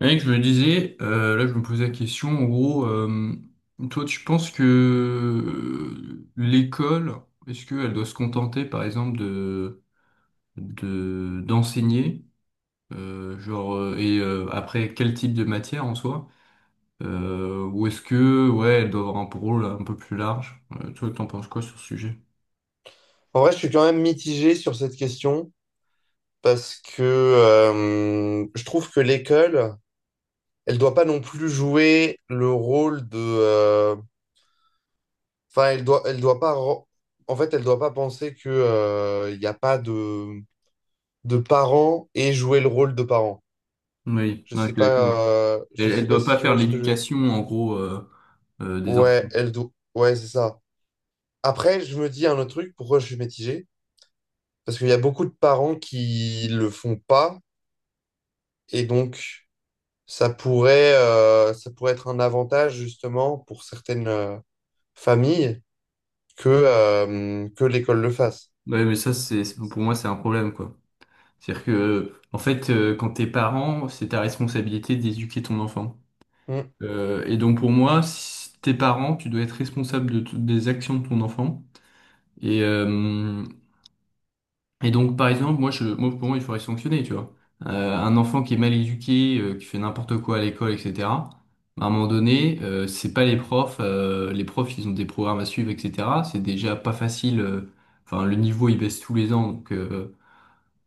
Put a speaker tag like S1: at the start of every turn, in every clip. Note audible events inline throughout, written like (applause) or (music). S1: Mec, je me disais, là je me posais la question, en gros, toi tu penses que l'école, est-ce qu'elle doit se contenter par exemple d'enseigner, après quel type de matière en soi, ou est-ce que, ouais, elle doit avoir un rôle un peu plus large? Toi t'en penses quoi sur ce sujet?
S2: En vrai, je suis quand même mitigé sur cette question parce que je trouve que l'école, elle doit pas non plus jouer le rôle de. Enfin, elle doit pas. En fait, elle doit pas penser que il n'y a pas de parents et jouer le rôle de parents.
S1: Oui,
S2: Je
S1: non, je
S2: sais
S1: suis
S2: pas.
S1: d'accord.
S2: Je
S1: Elle,
S2: sais
S1: elle
S2: pas
S1: doit
S2: si
S1: pas
S2: tu
S1: faire
S2: vois ce que je veux dire.
S1: l'éducation en gros des
S2: Ouais,
S1: enfants.
S2: elle doit. Ouais, c'est ça. Après, je me dis un autre truc. Pourquoi je suis mitigé? Parce qu'il y a beaucoup de parents qui le font pas et donc. Ça pourrait être un avantage justement pour certaines familles que l'école le fasse.
S1: Ouais, mais pour moi c'est un problème quoi. C'est-à-dire que, en fait, quand t'es parent, c'est ta responsabilité d'éduquer ton enfant.
S2: Mm,
S1: Et donc pour moi, si t'es parent, tu dois être responsable de toutes des actions de ton enfant. Et, euh, et donc par exemple, moi, je, moi pour moi, il faudrait sanctionner, tu vois. Un enfant qui est mal éduqué, qui fait n'importe quoi à l'école, etc. À un moment donné, c'est pas les profs. Les profs, ils ont des programmes à suivre, etc. C'est déjà pas facile. Enfin, le niveau, il baisse tous les ans, donc. euh,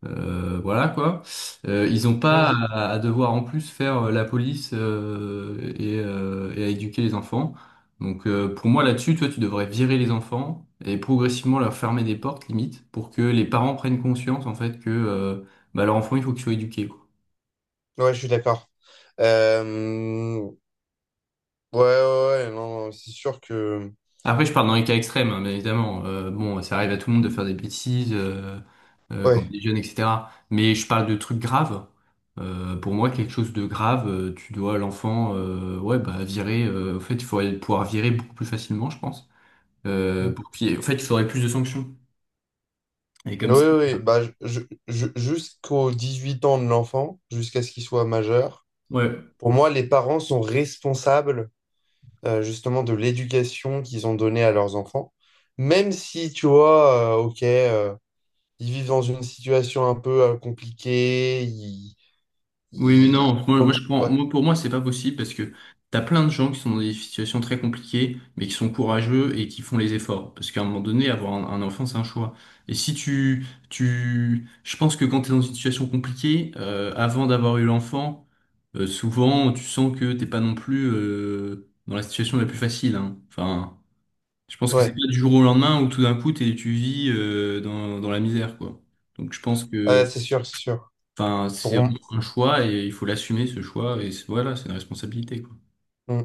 S1: euh, Voilà quoi. Ils n'ont
S2: mm.
S1: pas
S2: Mm.
S1: à devoir en plus faire la police et à éduquer les enfants. Donc pour moi là-dessus, toi, tu devrais virer les enfants et progressivement leur fermer des portes limite pour que les parents prennent conscience en fait que bah, leur enfant il faut qu'il soit éduqué, quoi.
S2: Ouais, je suis d'accord. Ouais, ouais, ouais, non, c'est sûr que.
S1: Après, je parle dans les cas extrêmes, hein, bien évidemment. Bon, ça arrive à tout le monde de faire des bêtises quand on
S2: Ouais.
S1: est jeune, etc. Mais je parle de trucs graves. Pour moi, quelque chose de grave, tu dois l'enfant, ouais, bah virer. En fait, il faudrait pouvoir virer beaucoup plus facilement, je pense.
S2: Mm.
S1: Pour qu'il y ait- En fait, il faudrait plus de sanctions. Et
S2: Oui,
S1: comme ça,
S2: oui, oui, bah, jusqu'aux 18 ans de l'enfant, jusqu'à ce qu'il soit majeur,
S1: ouais.
S2: pour moi, les parents sont responsables justement de l'éducation qu'ils ont donnée à leurs enfants. Même si, tu vois, ok, ils vivent dans une situation un peu compliquée. Ils,
S1: Oui, mais
S2: ils-
S1: non,
S2: ils
S1: moi, moi,
S2: ont-
S1: je prends,
S2: ouais,
S1: moi, pour moi, c'est pas possible parce que t'as plein de gens qui sont dans des situations très compliquées, mais qui sont courageux et qui font les efforts. Parce qu'à un moment donné, avoir un enfant, c'est un choix. Et si tu, tu, je pense que quand t'es dans une situation compliquée, avant d'avoir eu l'enfant, souvent, tu sens que t'es pas non plus, dans la situation la plus facile, hein. Enfin, je pense que c'est
S2: ouais,
S1: pas du jour au lendemain où tout d'un coup, tu vis, dans la misère, quoi. Donc,
S2: ouais, c'est sûr, c'est sûr.
S1: enfin, c'est
S2: Pour, m-
S1: vraiment un choix et il faut l'assumer ce choix et voilà, c'est une responsabilité quoi.
S2: mm.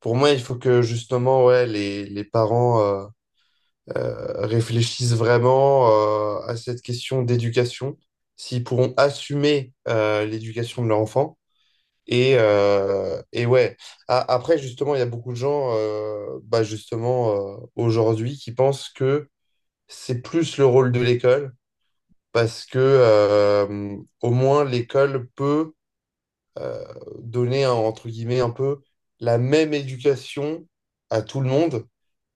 S2: pour moi, il faut que justement, ouais, les parents réfléchissent vraiment à cette question d'éducation, s'ils pourront assumer l'éducation de leur enfant. Et ouais, après, justement, il y a beaucoup de gens, bah justement, aujourd'hui, qui pensent que c'est plus le rôle de l'école parce que au moins l'école peut euh, donner entre guillemets un peu la même éducation à tout le monde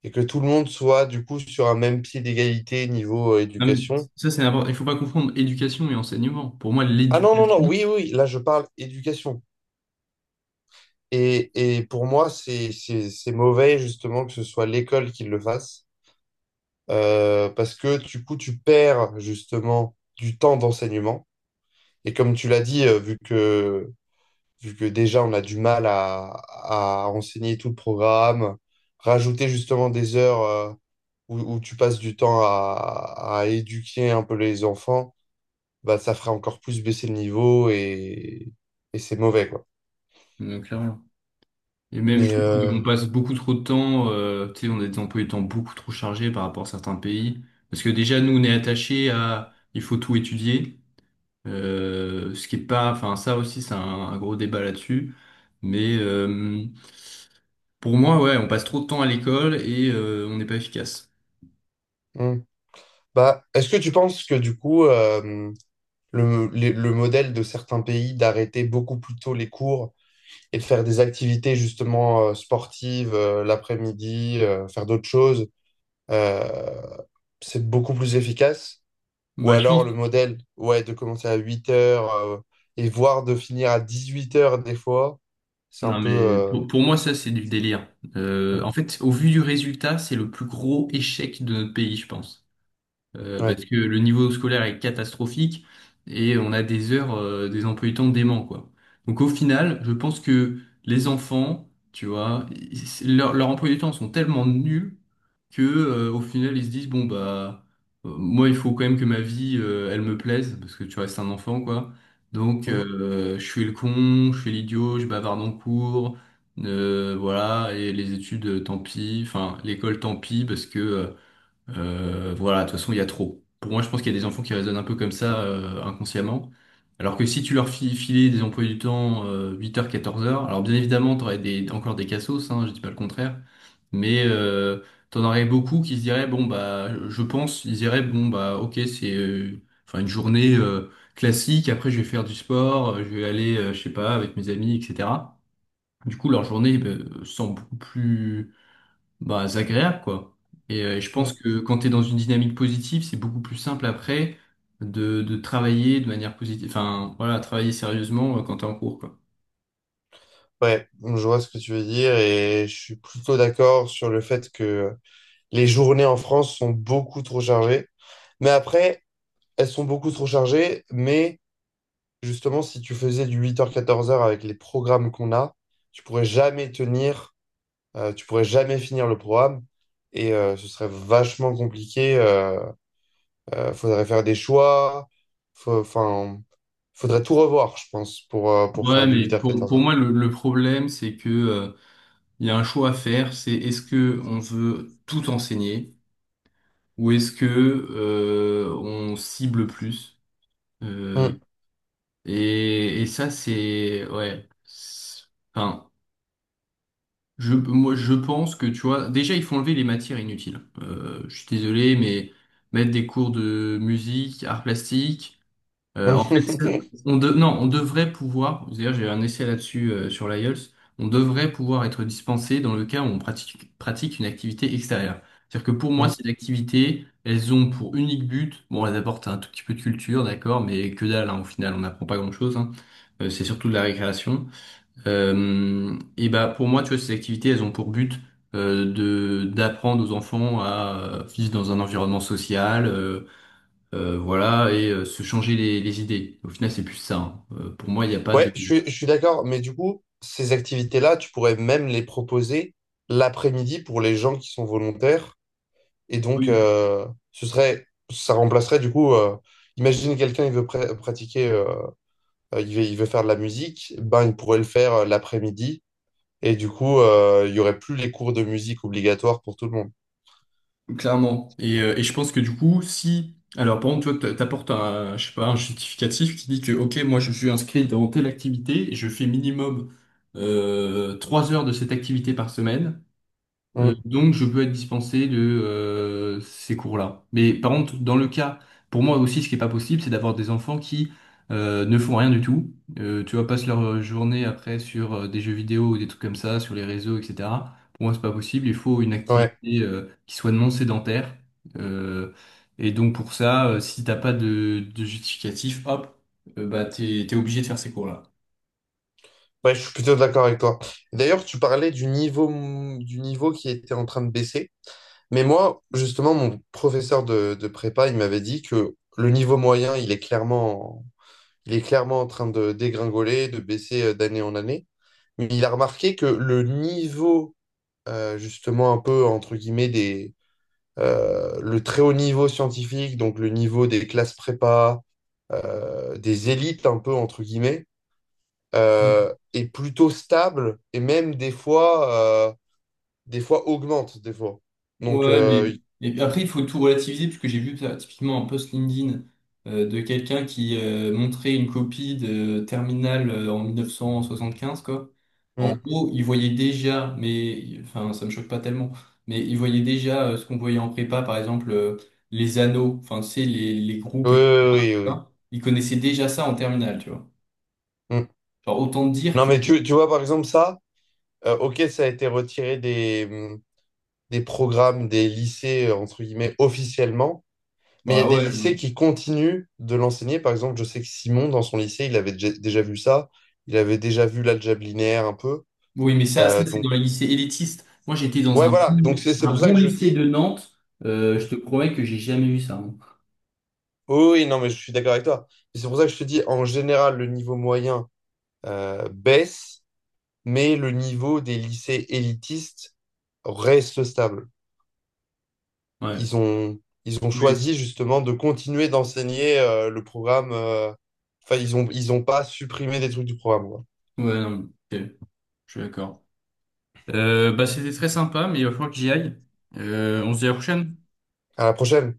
S2: et que tout le monde soit du coup sur un même pied d'égalité niveau
S1: Non, mais
S2: éducation.
S1: ça c'est important. Il faut pas confondre éducation et enseignement. Pour moi,
S2: Ah non, non,
S1: l'éducation,
S2: non, oui, oui, là je parle éducation. Et, et pour moi, c'est mauvais justement que ce soit l'école qui le fasse, parce que du coup, tu perds justement du temps d'enseignement. Et comme tu l'as dit, vu que déjà on a du mal à, enseigner tout le programme, rajouter justement des heures où, tu passes du temps à éduquer un peu les enfants, bah ça fera encore plus baisser le niveau et c'est mauvais, quoi.
S1: clairement. Et même je
S2: Mais,
S1: trouve qu'on passe beaucoup trop de temps, tu sais, on a des emplois du temps beaucoup trop chargés par rapport à certains pays. Parce que déjà nous on est attachés il faut tout étudier, ce qui est pas, enfin ça aussi c'est un gros débat là-dessus. Mais euh, pour moi, ouais, on passe trop de temps à l'école et on n'est pas efficace.
S2: hmm. Bah, est-ce que tu penses que du coup le modèle de certains pays d'arrêter beaucoup plus tôt les cours et de faire des activités justement sportives l'après-midi, faire d'autres choses, Euh, c'est beaucoup plus efficace? Ou
S1: Bah, je
S2: alors le
S1: pense
S2: modèle, ouais, de commencer à 8 heures et voire de finir à 18 heures des fois, c'est un
S1: non,
S2: peu...
S1: mais
S2: euh,
S1: pour moi, ça, c'est du délire. En fait, au vu du résultat, c'est le plus gros échec de notre pays, je pense.
S2: Ouais.
S1: Parce que le niveau scolaire est catastrophique et on a des heures, des emplois du temps déments, quoi. Donc au final, je pense que les enfants, tu vois, leurs emplois du temps sont tellement nuls que au final ils se disent bon bah moi il faut quand même que ma vie elle me plaise parce que tu restes un enfant quoi. Donc
S2: Mhm,
S1: je suis le con, je fais l'idiot, je bavarde en cours, voilà et les études tant pis, enfin l'école tant pis parce que voilà, de toute façon, il y a trop. Pour moi, je pense qu'il y a des enfants qui raisonnent un peu comme ça, inconsciemment. Alors que si tu leur filais des emplois du temps, 8 heures 14 heures alors bien évidemment, tu aurais encore des cassos, hein, je dis pas le contraire. Mais euh, T'en aurais beaucoup qui se diraient, bon, bah, je pense, ils diraient, bon, bah, ok, c'est enfin, une journée classique, après, je vais faire du sport, je sais pas, avec mes amis, etc. Du coup, leur journée semble beaucoup plus bah, c'est agréable, quoi. Et je pense
S2: mhm.
S1: que quand tu es dans une dynamique positive, c'est beaucoup plus simple après de travailler de manière positive. Enfin, voilà, travailler sérieusement quand tu es en cours, quoi.
S2: Ouais, je vois ce que tu veux dire et je suis plutôt d'accord sur le fait que les journées en France sont beaucoup trop chargées. Mais après, elles sont beaucoup trop chargées, mais justement, si tu faisais du 8 heures 14 heures avec les programmes qu'on a, tu pourrais jamais tenir. Tu pourrais jamais finir le programme et ce serait vachement compliqué. Faudrait faire des choix. Enfin, faudrait tout revoir, je pense, pour
S1: Ouais,
S2: faire du
S1: mais
S2: 8 heures 14
S1: pour moi, le problème, c'est que, il y a un choix à faire, c'est est-ce que on veut tout enseigner ou est-ce que, on cible plus? Euh,
S2: h
S1: et ça, c'est, ouais. Enfin, Moi, je pense que, tu vois, déjà, il faut enlever les matières inutiles. Je suis désolé, mais mettre des cours de musique, art plastique, en fait,
S2: (laughs)
S1: non, on devrait pouvoir, d'ailleurs, j'ai un essai là-dessus sur l'IELTS, on devrait pouvoir être dispensé dans le cas où on pratique une activité extérieure. C'est-à-dire que pour moi, ces activités, elles ont pour unique but, bon, elles apportent un tout petit peu de culture, d'accord, mais que dalle, hein, au final, on n'apprend pas grand-chose, hein. C'est surtout de la récréation. Et bah pour moi, tu vois, ces activités, elles ont pour but de d'apprendre aux enfants à vivre dans un environnement social, voilà, et se changer les idées. Au final, c'est plus ça, hein. Pour moi, il n'y a pas
S2: Ouais,
S1: de.
S2: je suis d'accord, mais du coup, ces activités-là, tu pourrais même les proposer l'après-midi pour les gens qui sont volontaires. Et donc,
S1: Oui,
S2: ce serait, ça remplacerait du coup, imagine quelqu'un, il veut pratiquer, il veut faire de la musique, ben, il pourrait le faire l'après-midi. Et du coup, il y aurait plus les cours de musique obligatoires pour tout le monde.
S1: clairement. Et je pense que du coup, si alors par exemple, toi, t'apportes un, je sais pas, un justificatif qui dit que ok, moi, je suis inscrit dans telle activité et je fais minimum 3 heures de cette activité par semaine.
S2: Mm.
S1: Donc, je peux être dispensé de ces cours-là. Mais par contre, pour moi aussi, ce qui est pas possible, c'est d'avoir des enfants qui ne font rien du tout. Tu vois, passent leur journée après sur des jeux vidéo ou des trucs comme ça, sur les réseaux, etc. Pour moi, c'est pas possible. Il faut une
S2: Ouais.
S1: activité qui soit non sédentaire. Euh, et donc, pour ça, si t'as pas de justificatif, hop, bah, t'es obligé de faire ces cours-là.
S2: Ouais, je suis plutôt d'accord avec toi. D'ailleurs, tu parlais du niveau qui était en train de baisser. Mais moi, justement, mon professeur de prépa, il m'avait dit que le niveau moyen, il est clairement en train de dégringoler, de baisser d'année en année. Mais il a remarqué que le niveau, justement, un peu, entre guillemets, le très haut niveau scientifique, donc le niveau des classes prépa, des élites un peu entre guillemets, est plutôt stable et même des fois, euh, des fois, augmente des fois. Donc,
S1: Ouais, mais et puis après, il faut tout relativiser, puisque j'ai vu ça, typiquement un post LinkedIn de quelqu'un qui montrait une copie de Terminal en 1975, quoi. En
S2: mm,
S1: gros, il voyait déjà, mais enfin, ça me choque pas tellement, mais il voyait déjà ce qu'on voyait en prépa, par exemple, les anneaux, enfin, tu sais, les
S2: oui,
S1: groupes,
S2: oui,
S1: etc.
S2: oui, oui, oui.
S1: Il connaissait déjà ça en Terminal, tu vois.
S2: Oui. Mm.
S1: Genre, autant te dire
S2: Non
S1: que,
S2: mais tu vois par exemple ça, ok ça a été retiré des programmes des lycées entre guillemets officiellement. Mais il y a
S1: bah
S2: des
S1: ouais.
S2: lycées qui continuent de l'enseigner. Par exemple, je sais que Simon, dans son lycée, il avait déjà vu ça. Il avait déjà vu l'algèbre linéaire un peu.
S1: Oui, mais ça c'est dans
S2: Donc,
S1: les lycées élitistes. Moi, j'étais dans
S2: ouais, voilà. Donc, c'est
S1: un
S2: pour ça
S1: bon
S2: que je
S1: lycée
S2: dis.
S1: de Nantes. Je te promets que j'ai jamais vu ça, hein.
S2: Oh oui, non, mais je suis d'accord avec toi. Et c'est pour ça que je te dis, en général, le niveau moyen baisse, mais le niveau des lycées élitistes reste stable.
S1: Ouais.
S2: Ils ont
S1: Oui.
S2: choisi justement de continuer d'enseigner le programme. Enfin, ils ont pas supprimé des trucs du programme, quoi.
S1: Ouais, non, ok, je suis d'accord. Bah, c'était très sympa, mais il va falloir que j'y aille. On se dit à la prochaine.
S2: À la prochaine.